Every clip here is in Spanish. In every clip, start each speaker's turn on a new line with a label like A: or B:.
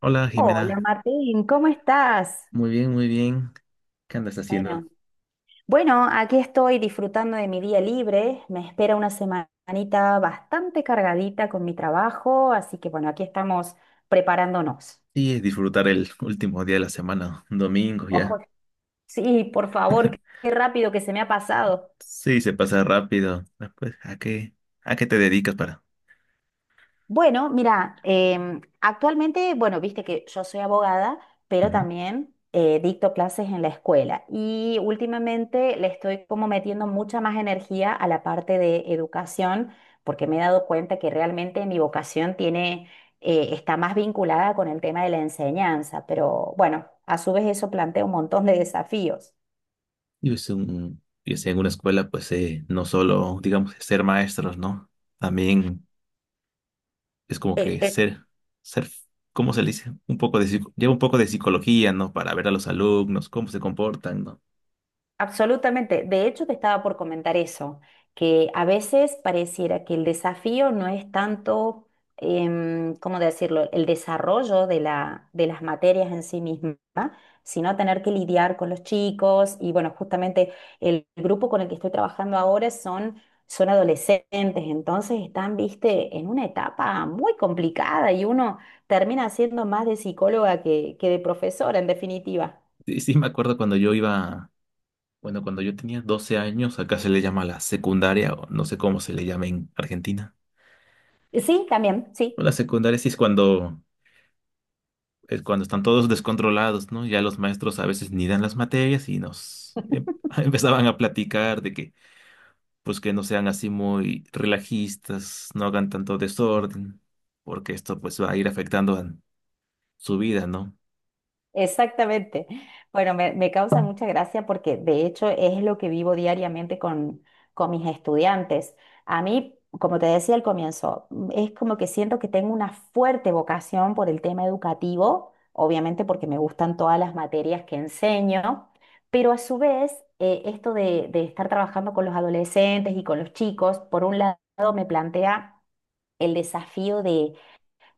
A: Hola
B: Hola
A: Jimena,
B: Martín, ¿cómo estás?
A: muy bien, muy bien. ¿Qué andas
B: Bueno,
A: haciendo?
B: bueno, aquí estoy disfrutando de mi día libre. Me espera una semanita bastante cargadita con mi trabajo, así que bueno, aquí estamos preparándonos.
A: Sí, disfrutar el último día de la semana, un domingo
B: Ojo,
A: ya.
B: sí, por favor, qué rápido que se me ha pasado.
A: Sí, se pasa rápido. Ah, pues, ¿a qué te dedicas para?
B: Bueno, mira, actualmente, bueno, viste que yo soy abogada, pero
A: Ujú.
B: también dicto clases en la escuela y últimamente le estoy como metiendo mucha más energía a la parte de educación porque me he dado cuenta que realmente mi vocación tiene, está más vinculada con el tema de la enseñanza, pero bueno, a su vez eso plantea un montón de desafíos.
A: Yo estoy en una escuela, pues no solo, digamos, ser maestros, ¿no? También es como
B: Eh,
A: que
B: eh,
A: ser, ser, ¿cómo se le dice? Un poco de, lleva un poco de psicología, ¿no? Para ver a los alumnos, cómo se comportan, ¿no?
B: Absolutamente. De hecho, te estaba por comentar eso, que a veces pareciera que el desafío no es tanto, ¿cómo decirlo?, el desarrollo de la, de las materias en sí misma, sino tener que lidiar con los chicos. Y bueno, justamente el grupo con el que estoy trabajando ahora son, son adolescentes, entonces están, viste, en una etapa muy complicada y uno termina siendo más de psicóloga que de profesora, en definitiva.
A: Sí, sí, me acuerdo cuando yo iba bueno, cuando yo tenía 12 años, acá se le llama la secundaria, o no sé cómo se le llama en Argentina.
B: Sí, también, sí.
A: Bueno, La secundaria sí es cuando están todos descontrolados, ¿no? Ya los maestros a veces ni dan las materias y empezaban a platicar de que, pues que no sean así muy relajistas, no hagan tanto desorden, porque esto pues va a ir afectando a su vida, ¿no?
B: Exactamente. Bueno, me causa mucha gracia porque de hecho es lo que vivo diariamente con mis estudiantes. A mí, como te decía al comienzo, es como que siento que tengo una fuerte vocación por el tema educativo, obviamente porque me gustan todas las materias que enseño, pero a su vez, esto de estar trabajando con los adolescentes y con los chicos, por un lado me plantea el desafío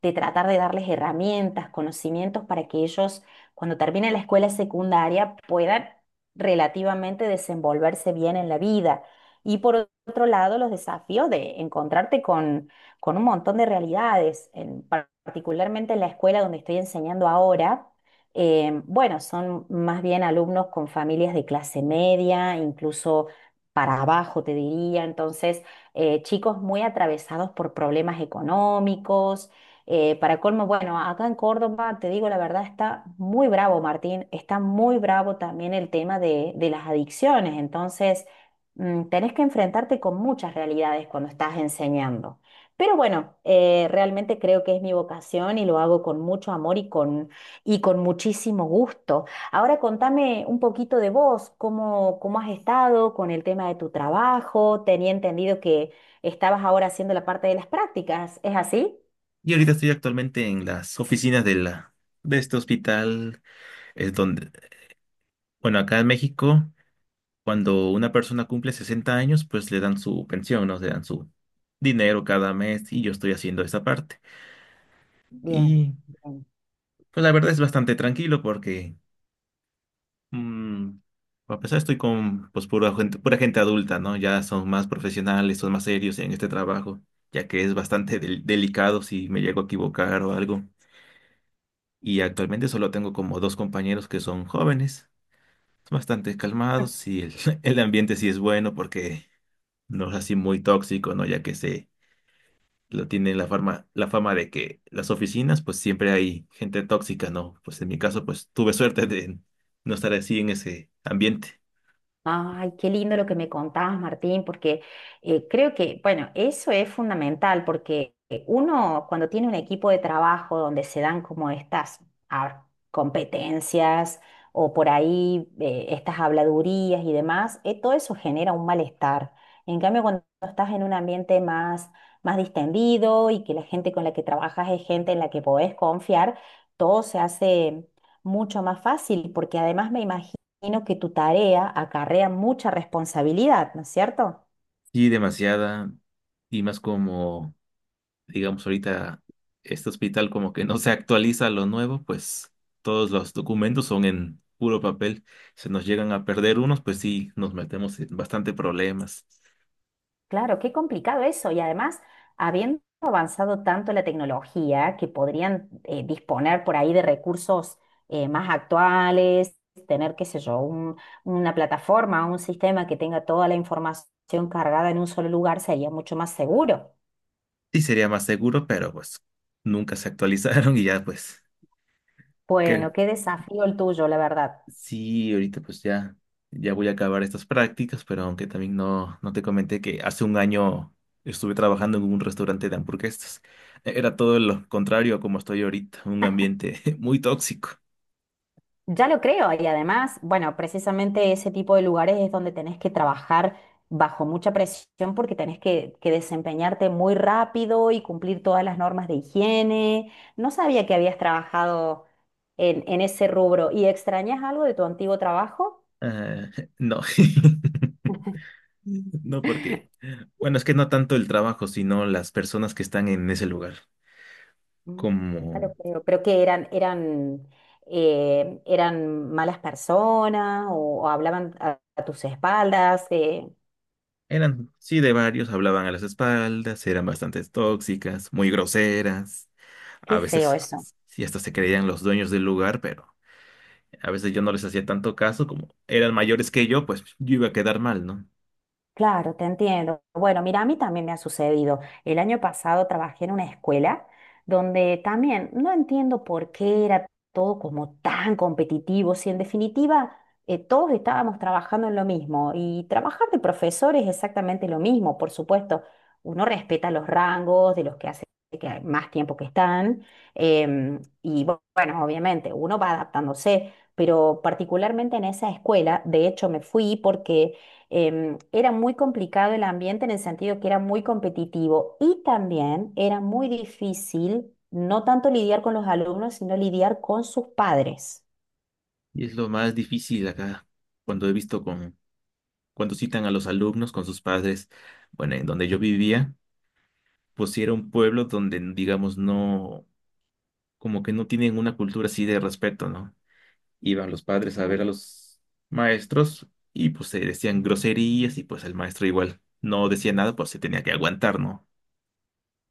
B: de tratar de darles herramientas, conocimientos para que ellos, cuando terminen la escuela secundaria, puedan relativamente desenvolverse bien en la vida. Y por otro lado, los desafíos de encontrarte con un montón de realidades, particularmente en la escuela donde estoy enseñando ahora. Bueno, son más bien alumnos con familias de clase media, incluso para abajo, te diría. Entonces, chicos muy atravesados por problemas económicos, para colmo, bueno, acá en Córdoba, te digo la verdad, está muy bravo, Martín, está muy bravo también el tema de las adicciones, entonces tenés que enfrentarte con muchas realidades cuando estás enseñando. Pero bueno, realmente creo que es mi vocación y lo hago con mucho amor y con muchísimo gusto. Ahora contame un poquito de vos, cómo, cómo has estado con el tema de tu trabajo, tenía entendido que estabas ahora haciendo la parte de las prácticas, ¿es así?
A: Y ahorita estoy actualmente en las oficinas de la, de este hospital, es donde, bueno, acá en México. Cuando una persona cumple 60 años, pues le dan su pensión, ¿no? Le dan su dinero cada mes y yo estoy haciendo esa parte.
B: Bien,
A: Y
B: bien.
A: pues la verdad es bastante tranquilo porque, mm, a pesar estoy con pura gente adulta, ¿no? Ya son más profesionales, son más serios en este trabajo, ya que es bastante delicado si me llego a equivocar o algo. Y actualmente solo tengo como dos compañeros que son jóvenes, son bastante calmados y el ambiente sí es bueno porque no es así muy tóxico, ¿no? Ya que se lo tiene la fama de que las oficinas, pues siempre hay gente tóxica, ¿no? Pues en mi caso, pues tuve suerte de no estar así en ese ambiente.
B: Ay, qué lindo lo que me contabas, Martín, porque creo que, bueno, eso es fundamental, porque uno cuando tiene un equipo de trabajo donde se dan como estas competencias o por ahí estas habladurías y demás, todo eso genera un malestar. En cambio, cuando estás en un ambiente más, más distendido y que la gente con la que trabajas es gente en la que podés confiar, todo se hace mucho más fácil, porque además me imagino imagino que tu tarea acarrea mucha responsabilidad, ¿no es cierto?
A: Sí, demasiada, y más como, digamos, ahorita este hospital como que no se actualiza lo nuevo, pues todos los documentos son en puro papel. Se nos llegan a perder unos, pues sí, nos metemos en bastante problemas.
B: Claro, qué complicado eso. Y además, habiendo avanzado tanto la tecnología, que podrían disponer por ahí de recursos más actuales, tener, qué sé yo, una plataforma, un sistema que tenga toda la información cargada en un solo lugar, sería mucho más seguro.
A: Sí, sería más seguro, pero pues nunca se actualizaron y ya, pues, ¿qué?
B: Bueno, qué desafío el tuyo, la verdad.
A: Sí, ahorita ya voy a acabar estas prácticas, pero aunque también no te comenté que hace un año estuve trabajando en un restaurante de hamburguesas. Era todo lo contrario a como estoy ahorita, un ambiente muy tóxico.
B: Ya lo creo, y además, bueno, precisamente ese tipo de lugares es donde tenés que trabajar bajo mucha presión porque tenés que desempeñarte muy rápido y cumplir todas las normas de higiene. No sabía que habías trabajado en ese rubro. ¿Y extrañas algo de tu antiguo trabajo?
A: Ah, no, no porque, bueno, es que no tanto el trabajo, sino las personas que están en ese lugar,
B: Mm, ya
A: como
B: lo creo. ¿Pero que eran, eran, eran malas personas o hablaban a tus espaldas?
A: eran, sí, de varios, hablaban a las espaldas, eran bastante tóxicas, muy groseras.
B: Qué
A: A
B: feo
A: veces
B: eso.
A: sí hasta se creían los dueños del lugar, pero a veces yo no les hacía tanto caso, como eran mayores que yo, pues yo iba a quedar mal, ¿no?
B: Claro, te entiendo. Bueno, mira, a mí también me ha sucedido. El año pasado trabajé en una escuela donde también no entiendo por qué era todo como tan competitivo, si en definitiva todos estábamos trabajando en lo mismo y trabajar de profesor es exactamente lo mismo, por supuesto. Uno respeta los rangos de los que hace que más tiempo que están y bueno, obviamente uno va adaptándose, pero particularmente en esa escuela, de hecho me fui porque era muy complicado el ambiente en el sentido que era muy competitivo y también era muy difícil no tanto lidiar con los alumnos, sino lidiar con sus padres.
A: Y es lo más difícil acá, cuando he visto con, cuando citan a los alumnos con sus padres, bueno, en donde yo vivía, pues sí era un pueblo donde, como que no tienen una cultura así de respeto, ¿no? Iban los padres a ver a
B: Claro.
A: los maestros y pues se decían groserías y pues el maestro igual no decía nada, pues se tenía que aguantar, ¿no?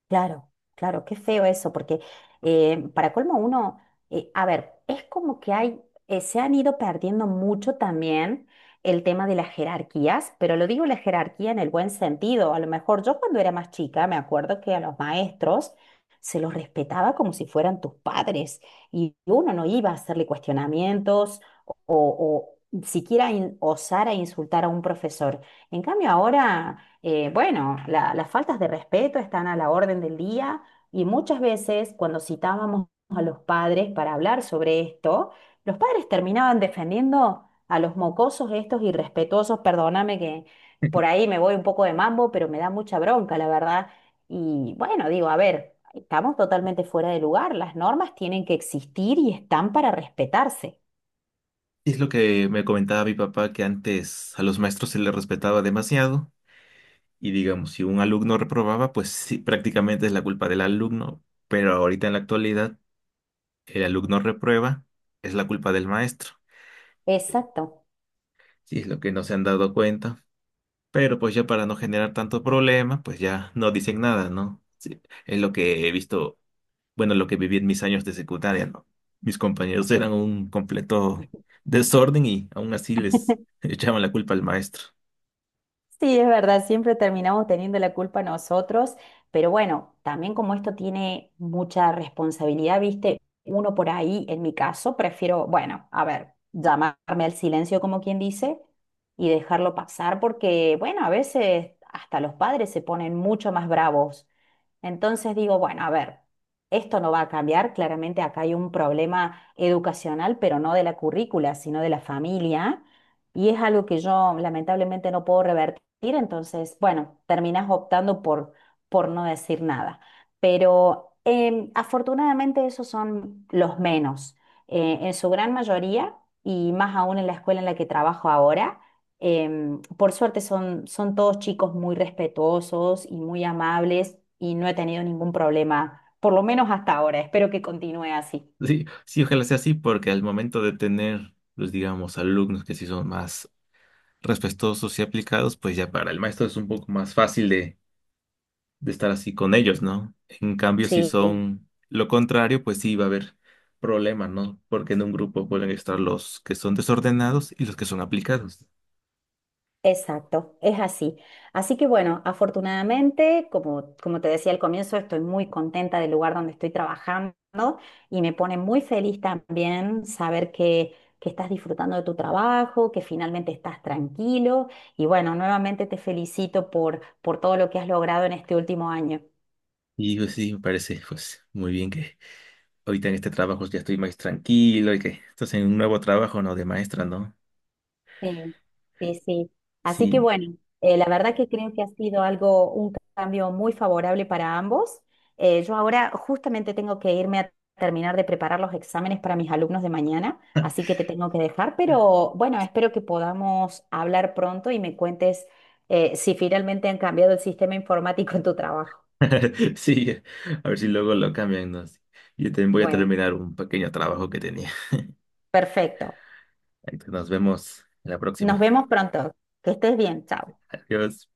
B: Claro, claro, qué feo eso, porque para colmo uno, a ver, es como que hay, se han ido perdiendo mucho también el tema de las jerarquías, pero lo digo la jerarquía en el buen sentido. A lo mejor yo cuando era más chica me acuerdo que a los maestros se los respetaba como si fueran tus padres y uno no iba a hacerle cuestionamientos o siquiera osar a insultar a un profesor. En cambio ahora... bueno, las faltas de respeto están a la orden del día y muchas veces cuando citábamos a los padres para hablar sobre esto, los padres terminaban defendiendo a los mocosos estos irrespetuosos, perdóname que por ahí me voy un poco de mambo, pero me da mucha bronca, la verdad. Y bueno, digo, a ver, estamos totalmente fuera de lugar, las normas tienen que existir y están para respetarse.
A: Es lo que me comentaba mi papá, que antes a los maestros se les respetaba demasiado y digamos, si un alumno reprobaba, pues sí, prácticamente es la culpa del alumno, pero ahorita en la actualidad el alumno reprueba, es la culpa del maestro.
B: Exacto.
A: Sí, es lo que no se han dado cuenta, pero pues ya para no generar tanto problema, pues ya no dicen nada, ¿no? Sí, es lo que he visto, bueno, lo que viví en mis años de secundaria, ¿no? Mis compañeros eran un completo desorden y aún así les
B: Sí.
A: echaban la culpa al maestro.
B: Sí, es verdad, siempre terminamos teniendo la culpa nosotros, pero bueno, también como esto tiene mucha responsabilidad, viste, uno por ahí, en mi caso, prefiero, bueno, a ver, llamarme al silencio como quien dice y dejarlo pasar porque, bueno, a veces hasta los padres se ponen mucho más bravos. Entonces digo, bueno, a ver, esto no va a cambiar, claramente acá hay un problema educacional, pero no de la currícula, sino de la familia. Y es algo que yo lamentablemente no puedo revertir decir, entonces, bueno, terminas optando por no decir nada. Pero afortunadamente esos son los menos. En su gran mayoría, y más aún en la escuela en la que trabajo ahora, por suerte son, son todos chicos muy respetuosos y muy amables y no he tenido ningún problema, por lo menos hasta ahora. Espero que continúe así.
A: Sí, sí, ojalá sea así, porque al momento de tener, pues digamos, alumnos que sí son más respetuosos y aplicados, pues ya para el maestro es un poco más fácil de estar así con ellos, ¿no? En cambio, si
B: Sí.
A: son lo contrario, pues sí va a haber problemas, ¿no? Porque en un grupo pueden estar los que son desordenados y los que son aplicados.
B: Exacto, es así. Así que bueno, afortunadamente, como, como te decía al comienzo, estoy muy contenta del lugar donde estoy trabajando y me pone muy feliz también saber que estás disfrutando de tu trabajo, que finalmente estás tranquilo y bueno, nuevamente te felicito por todo lo que has logrado en este último año.
A: Y pues sí, me parece, pues muy bien que ahorita en este trabajo ya estoy más tranquilo y que estás en un nuevo trabajo, ¿no? De maestra, ¿no?
B: Sí, sí, sí. Así que
A: Sí.
B: bueno, la verdad que creo que ha sido algo, un cambio muy favorable para ambos. Yo ahora justamente tengo que irme a terminar de preparar los exámenes para mis alumnos de mañana, así que te tengo que dejar, pero bueno, espero que podamos hablar pronto y me cuentes si finalmente han cambiado el sistema informático en tu trabajo.
A: Sí, a ver si luego lo cambian, ¿no? Sí. Yo también voy a
B: Bueno,
A: terminar un pequeño trabajo que tenía.
B: perfecto.
A: Nos vemos en la
B: Nos
A: próxima.
B: vemos pronto. Que estés bien. Chao.
A: Adiós.